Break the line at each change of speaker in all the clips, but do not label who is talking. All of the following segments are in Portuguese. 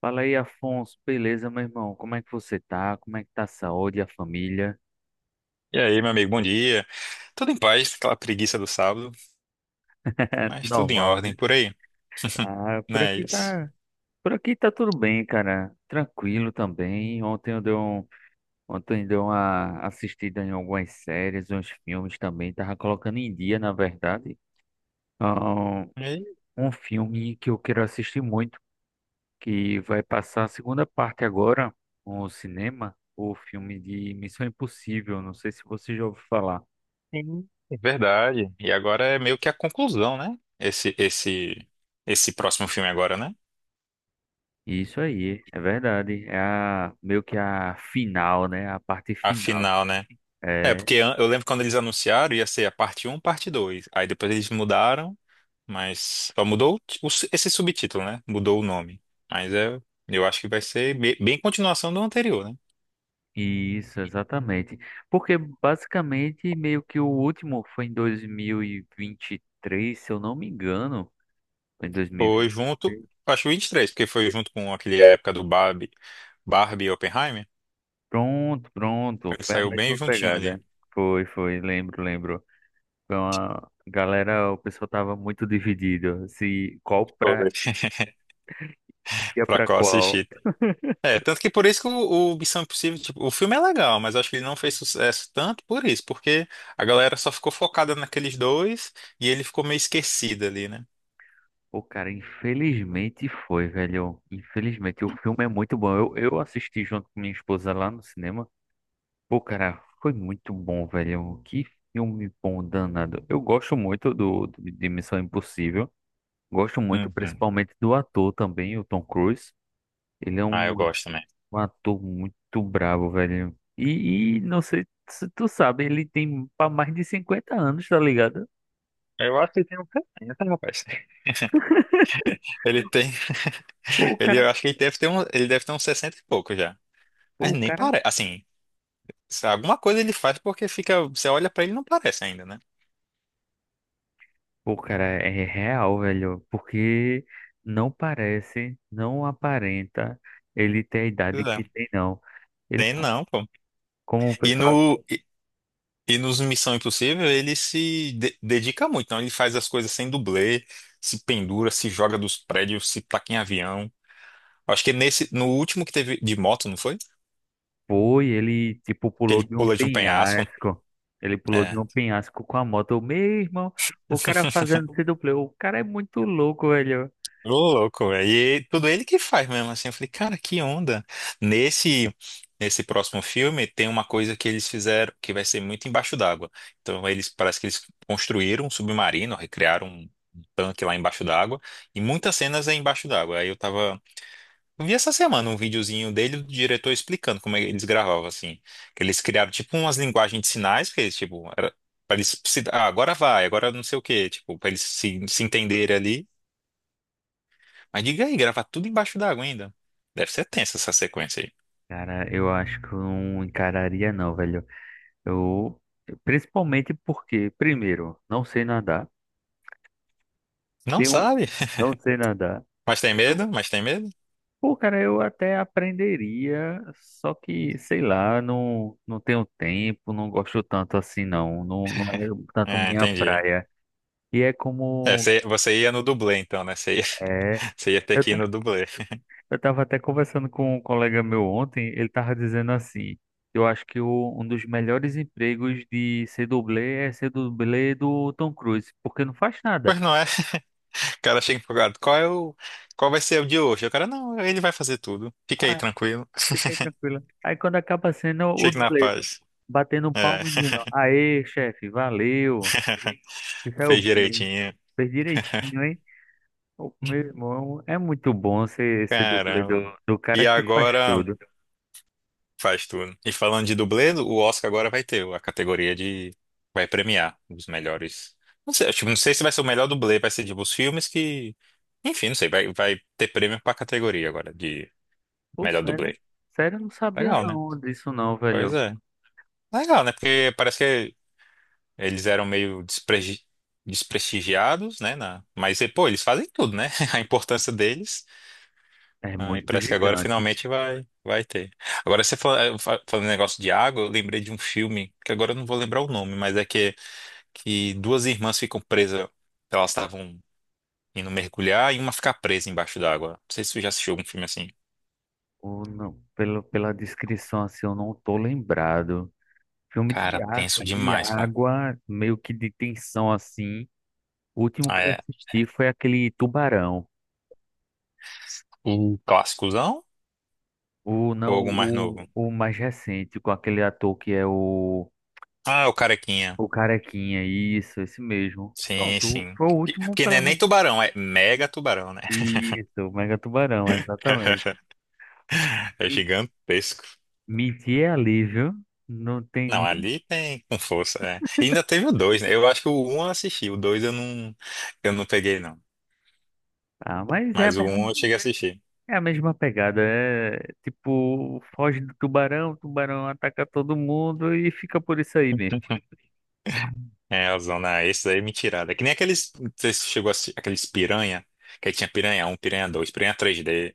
Fala aí, Afonso. Beleza, meu irmão? Como é que você tá? Como é que tá a saúde, a família?
E aí, meu amigo, bom dia. Tudo em paz, aquela preguiça do sábado, mas tudo em
Normal,
ordem
né?
por aí. Não
Por
é
aqui
isso?
tá, por aqui tá tudo bem, cara. Tranquilo também. Ontem eu dei uma assistida em algumas séries, uns filmes também. Tava colocando em dia, na verdade. Ah,
E aí,
um filme que eu quero assistir muito, que vai passar a segunda parte agora no cinema, o filme de Missão Impossível. Não sei se você já ouviu falar.
sim, é verdade. E agora é meio que a conclusão, né? Esse próximo filme agora, né?
Isso aí, é verdade. Meio que a final, né? A parte
A
final.
final, né? É,
É,
porque eu lembro quando eles anunciaram ia ser a parte um, parte 2. Aí depois eles mudaram, mas só mudou o esse subtítulo, né? Mudou o nome. Mas é, eu acho que vai ser bem continuação do anterior, né?
isso, exatamente. Porque basicamente, meio que o último foi em dois mil e vinte e três, se eu não me engano. Foi em dois mil e
Foi
vinte e
junto,
três.
acho 23, porque foi junto com aquele época do Barbie, Barbie e Oppenheimer.
Pronto, pronto.
Ele
Foi a
saiu bem
mesma
juntinho ali.
pegada. Foi, foi, lembro, lembro. Foi uma galera, o pessoal tava muito dividido. Se qual
Foi.
pra, ia
Pra
pra
qual
qual.
assistir. É, tanto que por isso que o Missão Impossível, tipo, o filme é legal, mas acho que ele não fez sucesso tanto por isso, porque a galera só ficou focada naqueles dois e ele ficou meio esquecido ali, né?
Pô, cara, infelizmente foi, velho. Infelizmente, o filme é muito bom. Eu assisti junto com minha esposa lá no cinema. Pô, cara, foi muito bom, velho. Que filme bom, danado. Eu gosto muito de Missão Impossível. Gosto muito,
Uhum.
principalmente do ator também, o Tom Cruise. Ele é
Ah, eu
um,
gosto também.
um ator muito brabo, velho. E não sei se tu sabe, ele tem mais de 50 anos, tá ligado?
Eu acho que ele tem um talento, rapaz. Ele tem.
Pô, o
Ele,
cara,
eu acho que ele deve ter um, ele deve ter uns 60 e pouco já. Mas
pô, o
nem
cara
parece. Assim, se alguma coisa ele faz porque fica. Você olha pra ele e não parece ainda, né?
Pô, cara, é real, velho, porque não parece, não aparenta ele ter a idade
Pois
que
é.
tem, não. Ele
Tem
tá,
não, pô.
como o
E,
pessoal
no, e nos Missão Impossível ele se de- dedica muito, então ele faz as coisas sem dublê, se pendura, se joga dos prédios, se taca em avião. Acho que nesse, no último que teve de moto, não foi?
Foi, ele, tipo,
Que
pulou
ele
de um
pula de um penhasco.
penhasco. Ele pulou de
É.
um penhasco com a moto. Meu irmão, o cara fazendo C-Play, o cara é muito louco, velho.
Ô, louco, velho. E tudo ele que faz mesmo, assim. Eu falei, cara, que onda. Nesse, nesse próximo filme tem uma coisa que eles fizeram que vai ser muito embaixo d'água. Então eles, parece que eles construíram um submarino, recriaram um tanque lá embaixo d'água. E muitas cenas é embaixo d'água. Aí eu tava... Eu vi essa semana um videozinho dele, do diretor explicando como é que eles gravavam, assim. Que eles criaram, tipo, umas linguagens de sinais, que eles, tipo... Era... Pra eles se... ah, agora vai, agora não sei o quê, tipo, pra eles se entenderem ali. Mas diga aí, gravar tudo embaixo d'água ainda. Deve ser tensa essa sequência aí.
Cara, eu acho que eu não encararia, não, velho. Eu, principalmente porque, primeiro, não sei nadar.
Não
Tenho,
sabe?
não sei nadar.
Mas tem medo?
Pô, cara, eu até aprenderia, só que, sei lá, não, não tenho tempo, não gosto tanto assim, não. Não, não é tanto
É,
minha
entendi.
praia. E é
É,
como.
você ia no dublê então, né? Você ia,
É,
você ia ter
eu,
que ir
ta-
no dublê.
eu tava até conversando com um colega meu ontem, ele tava dizendo assim: eu acho que um dos melhores empregos de ser dublê é ser dublê do Tom Cruise, porque não faz nada.
Pois não é? O cara chega empolgado. Qual vai ser o de hoje? O cara, não, ele vai fazer tudo. Fica aí
Ah,
tranquilo.
fica aí tranquilo. Aí quando acaba sendo o
Fique na
dublê,
paz.
batendo
É.
palma e dizendo: aê, chefe, valeu, se saiu
Fez
bem.
direitinho.
Fez direitinho, hein? O meu irmão é muito bom ser esse dublê
Caramba.
do
E
cara que faz
agora.
tudo.
Faz tudo. E falando de dublê, o Oscar agora vai ter a categoria de. Vai premiar os melhores. Não sei, tipo, não sei se vai ser o melhor dublê, vai ser tipo os filmes que. Enfim, não sei, vai ter prêmio pra categoria agora de
Pô,
melhor
sério?
dublê.
Sério, eu não sabia
Legal, é, né?
não disso não,
Pois
velho.
é. Legal, né? Porque parece que eles eram meio desprestigiados, né? Mas, pô, eles fazem tudo, né? A importância deles.
É
Ah, e
muito
parece que agora
gigante.
finalmente vai ter. Agora você falando negócio de água, eu lembrei de um filme, que agora eu não vou lembrar o nome, mas é que duas irmãs ficam presas, elas estavam indo mergulhar e uma fica presa embaixo d'água. Não sei se você já assistiu algum filme assim.
Ou não, pelo, pela descrição, assim, eu não tô lembrado. Filme
Cara,
de,
tenso
de
demais, pô.
água, meio que de tensão, assim. O último
Ah,
que eu
é
assisti foi aquele Tubarão.
o clássicozão
O,
ou
não,
algum mais novo?
o mais recente, com aquele ator que é o...
Ah, é o Carequinha.
O carequinha, isso, esse mesmo.
Sim,
Pronto,
sim.
foi o último,
Porque não é
pelo
nem
menos.
tubarão, é mega tubarão, né?
Isso, o Mega Tubarão, exatamente.
É
Me-
gigantesco.
Mentir é alívio, não tem
Não,
nem.
ali tem com força. É. E ainda teve o dois, né? Eu acho que o um eu assisti, o dois eu não peguei, não.
Ah, mas é a
Mas o
mesma,
um eu cheguei a assistir.
é a mesma pegada. É tipo, foge do tubarão, o tubarão ataca todo mundo e fica por isso aí mesmo.
É, a zona, esses aí é mentirada. É que nem aqueles, não sei se chegou a assistir, aqueles piranha, que aí tinha piranha um piranha dois piranha três d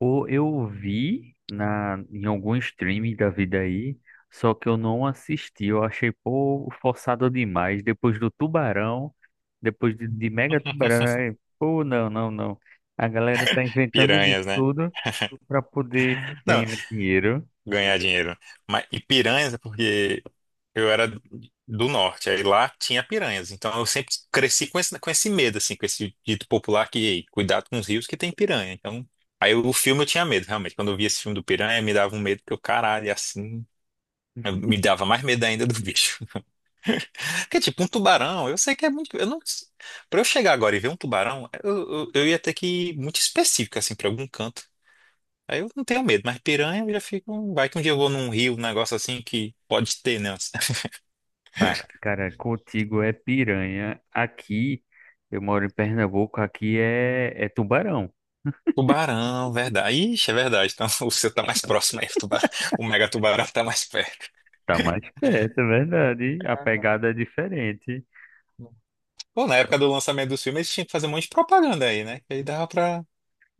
Ou eu vi em algum streaming da vida aí, só que eu não assisti. Eu achei, pô, forçado demais. Depois do Tubarão, depois de Mega Tubarão, aí, pô, não, não, não. A galera tá inventando de
piranhas, né?
tudo pra poder
Não,
ganhar dinheiro.
ganhar dinheiro. Mas, e piranhas, é porque eu era do norte, aí lá tinha piranhas. Então eu sempre cresci com com esse medo, assim, com esse dito popular que, ei, cuidado com os rios que tem piranha. Então, aí o filme eu tinha medo, realmente. Quando eu via esse filme do piranha, me dava um medo que eu, caralho, é assim, me dava mais medo ainda do bicho. Porque, tipo, um tubarão, eu sei que é muito. Eu não, pra eu chegar agora e ver um tubarão, eu ia ter que ir muito específico, assim, pra algum canto. Aí eu não tenho medo, mas piranha eu já fico. Vai que um dia eu vou num rio, um negócio assim que pode ter, né?
Para, cara, contigo é piranha. Aqui, eu moro em Pernambuco, aqui é tubarão.
Tubarão, verdade. Ixi, é verdade. Então o seu tá mais próximo aí. O Mega Tubarão tá mais perto.
Tá mais perto, é verdade. A pegada é diferente.
Bom, na época do lançamento dos filmes, eles tinham que fazer um monte de propaganda aí, né? Que aí dava pra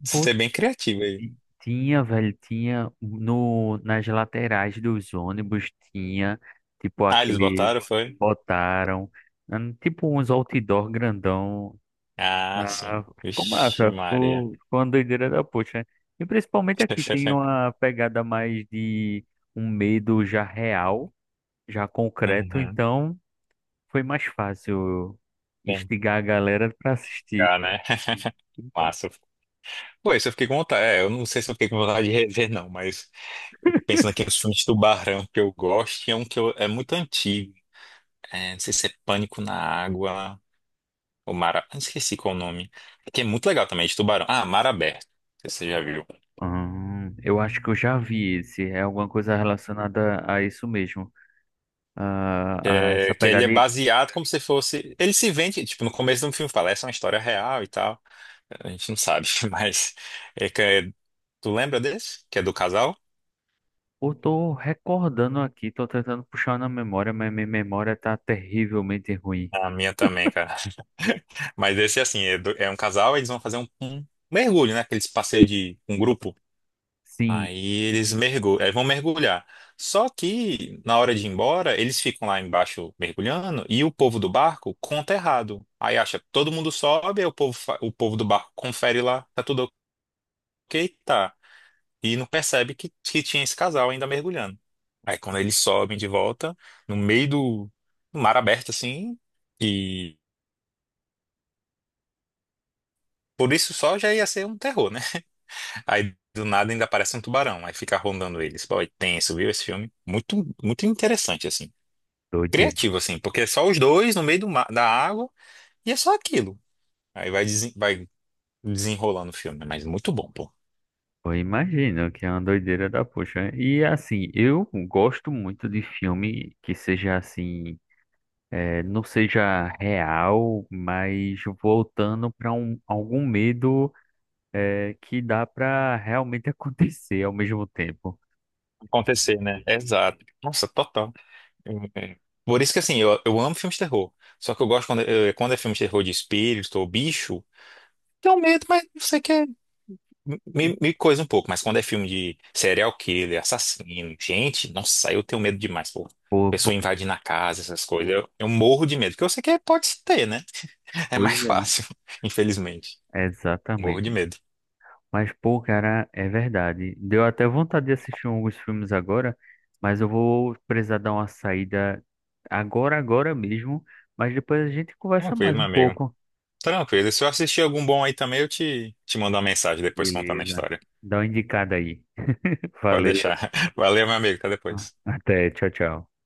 ser bem criativo aí.
E tinha, velho, tinha no, nas laterais dos ônibus, tinha, tipo,
Ah, eles
aquele,
botaram, foi?
botaram, tipo, uns outdoor grandão.
Ah, sim.
Ah, ficou
Vixe,
massa,
Maria.
ficou uma doideira da poxa, né? E principalmente aqui tem uma pegada mais de um medo já real, já concreto,
Uhum.
então foi mais fácil
Tem que
instigar a galera para assistir.
ficar, né? Massa. Pô, isso eu fiquei com vontade. É, eu não sei se eu fiquei com vontade de rever, não, mas eu tô pensando aqui nos filmes de tubarão que eu gosto e é um que é muito antigo. É, não sei se é Pânico na Água. O Mara... ah, esqueci qual o nome. Que é muito legal também, de tubarão. Ah, Mar Aberto. Não sei se você já viu.
Ah, eu acho que eu já vi esse. É alguma coisa relacionada a isso mesmo.
Que,
Ah, a essa
que ele é
pegada. E
baseado como se fosse. Ele se vende, tipo, no começo do filme fala, essa é uma história real e tal. A gente não sabe, mas. É que tu lembra desse? Que é do casal?
eu tô recordando aqui, tô tentando puxar na memória, mas minha memória tá terrivelmente ruim.
A minha também, cara. Mas esse, assim, é, é um casal, eles vão fazer um mergulho, né? Aqueles passeios de um grupo.
Sim,
Aí eles mergulham, aí vão mergulhar. Só que na hora de ir embora, eles ficam lá embaixo mergulhando e o povo do barco conta errado. Aí acha, todo mundo sobe, aí o povo, o povo do barco confere lá, tá tudo ok, tá. E não percebe que tinha esse casal ainda mergulhando. Aí quando eles sobem de volta, no meio do mar aberto assim, e por isso só já ia ser um terror, né? Aí do nada ainda aparece um tubarão, aí fica rondando eles. Pô, é tenso, viu esse filme? Muito, muito interessante assim.
doideira.
Criativo, assim, porque é só os dois no meio da água e é só aquilo. Aí vai desenrolando o filme, mas muito bom, pô.
Eu imagino que é uma doideira da poxa, né? E assim, eu gosto muito de filme que seja assim, não seja real, mas voltando para algum medo. É, que dá para realmente acontecer ao mesmo tempo.
Acontecer, né? Exato. Nossa, total. É. Por isso que, assim, eu amo filmes de terror. Só que eu gosto quando é filme de terror de espírito ou bicho, tem um medo, mas você quer. Me coisa um pouco, mas quando é filme de serial killer, assassino, gente, nossa, eu tenho medo demais, pô.
Por
Pessoa
pouca
invadindo a casa, essas coisas. Eu morro de medo, porque eu sei que pode ter, né? É mais
coisa.
fácil, infelizmente. Morro de
Exatamente.
medo.
Mas, pô, cara, é verdade. Deu até vontade de assistir alguns filmes agora, mas eu vou precisar dar uma saída agora, agora mesmo. Mas depois a gente conversa
Tranquilo,
mais
meu
um
amigo.
pouco.
Tranquilo. E se eu assistir algum bom aí também, eu te mando uma mensagem depois contando a
Beleza.
história.
Dá uma indicada aí.
Pode
Valeu.
deixar. Valeu, meu amigo. Até depois.
Até. Tchau, tchau.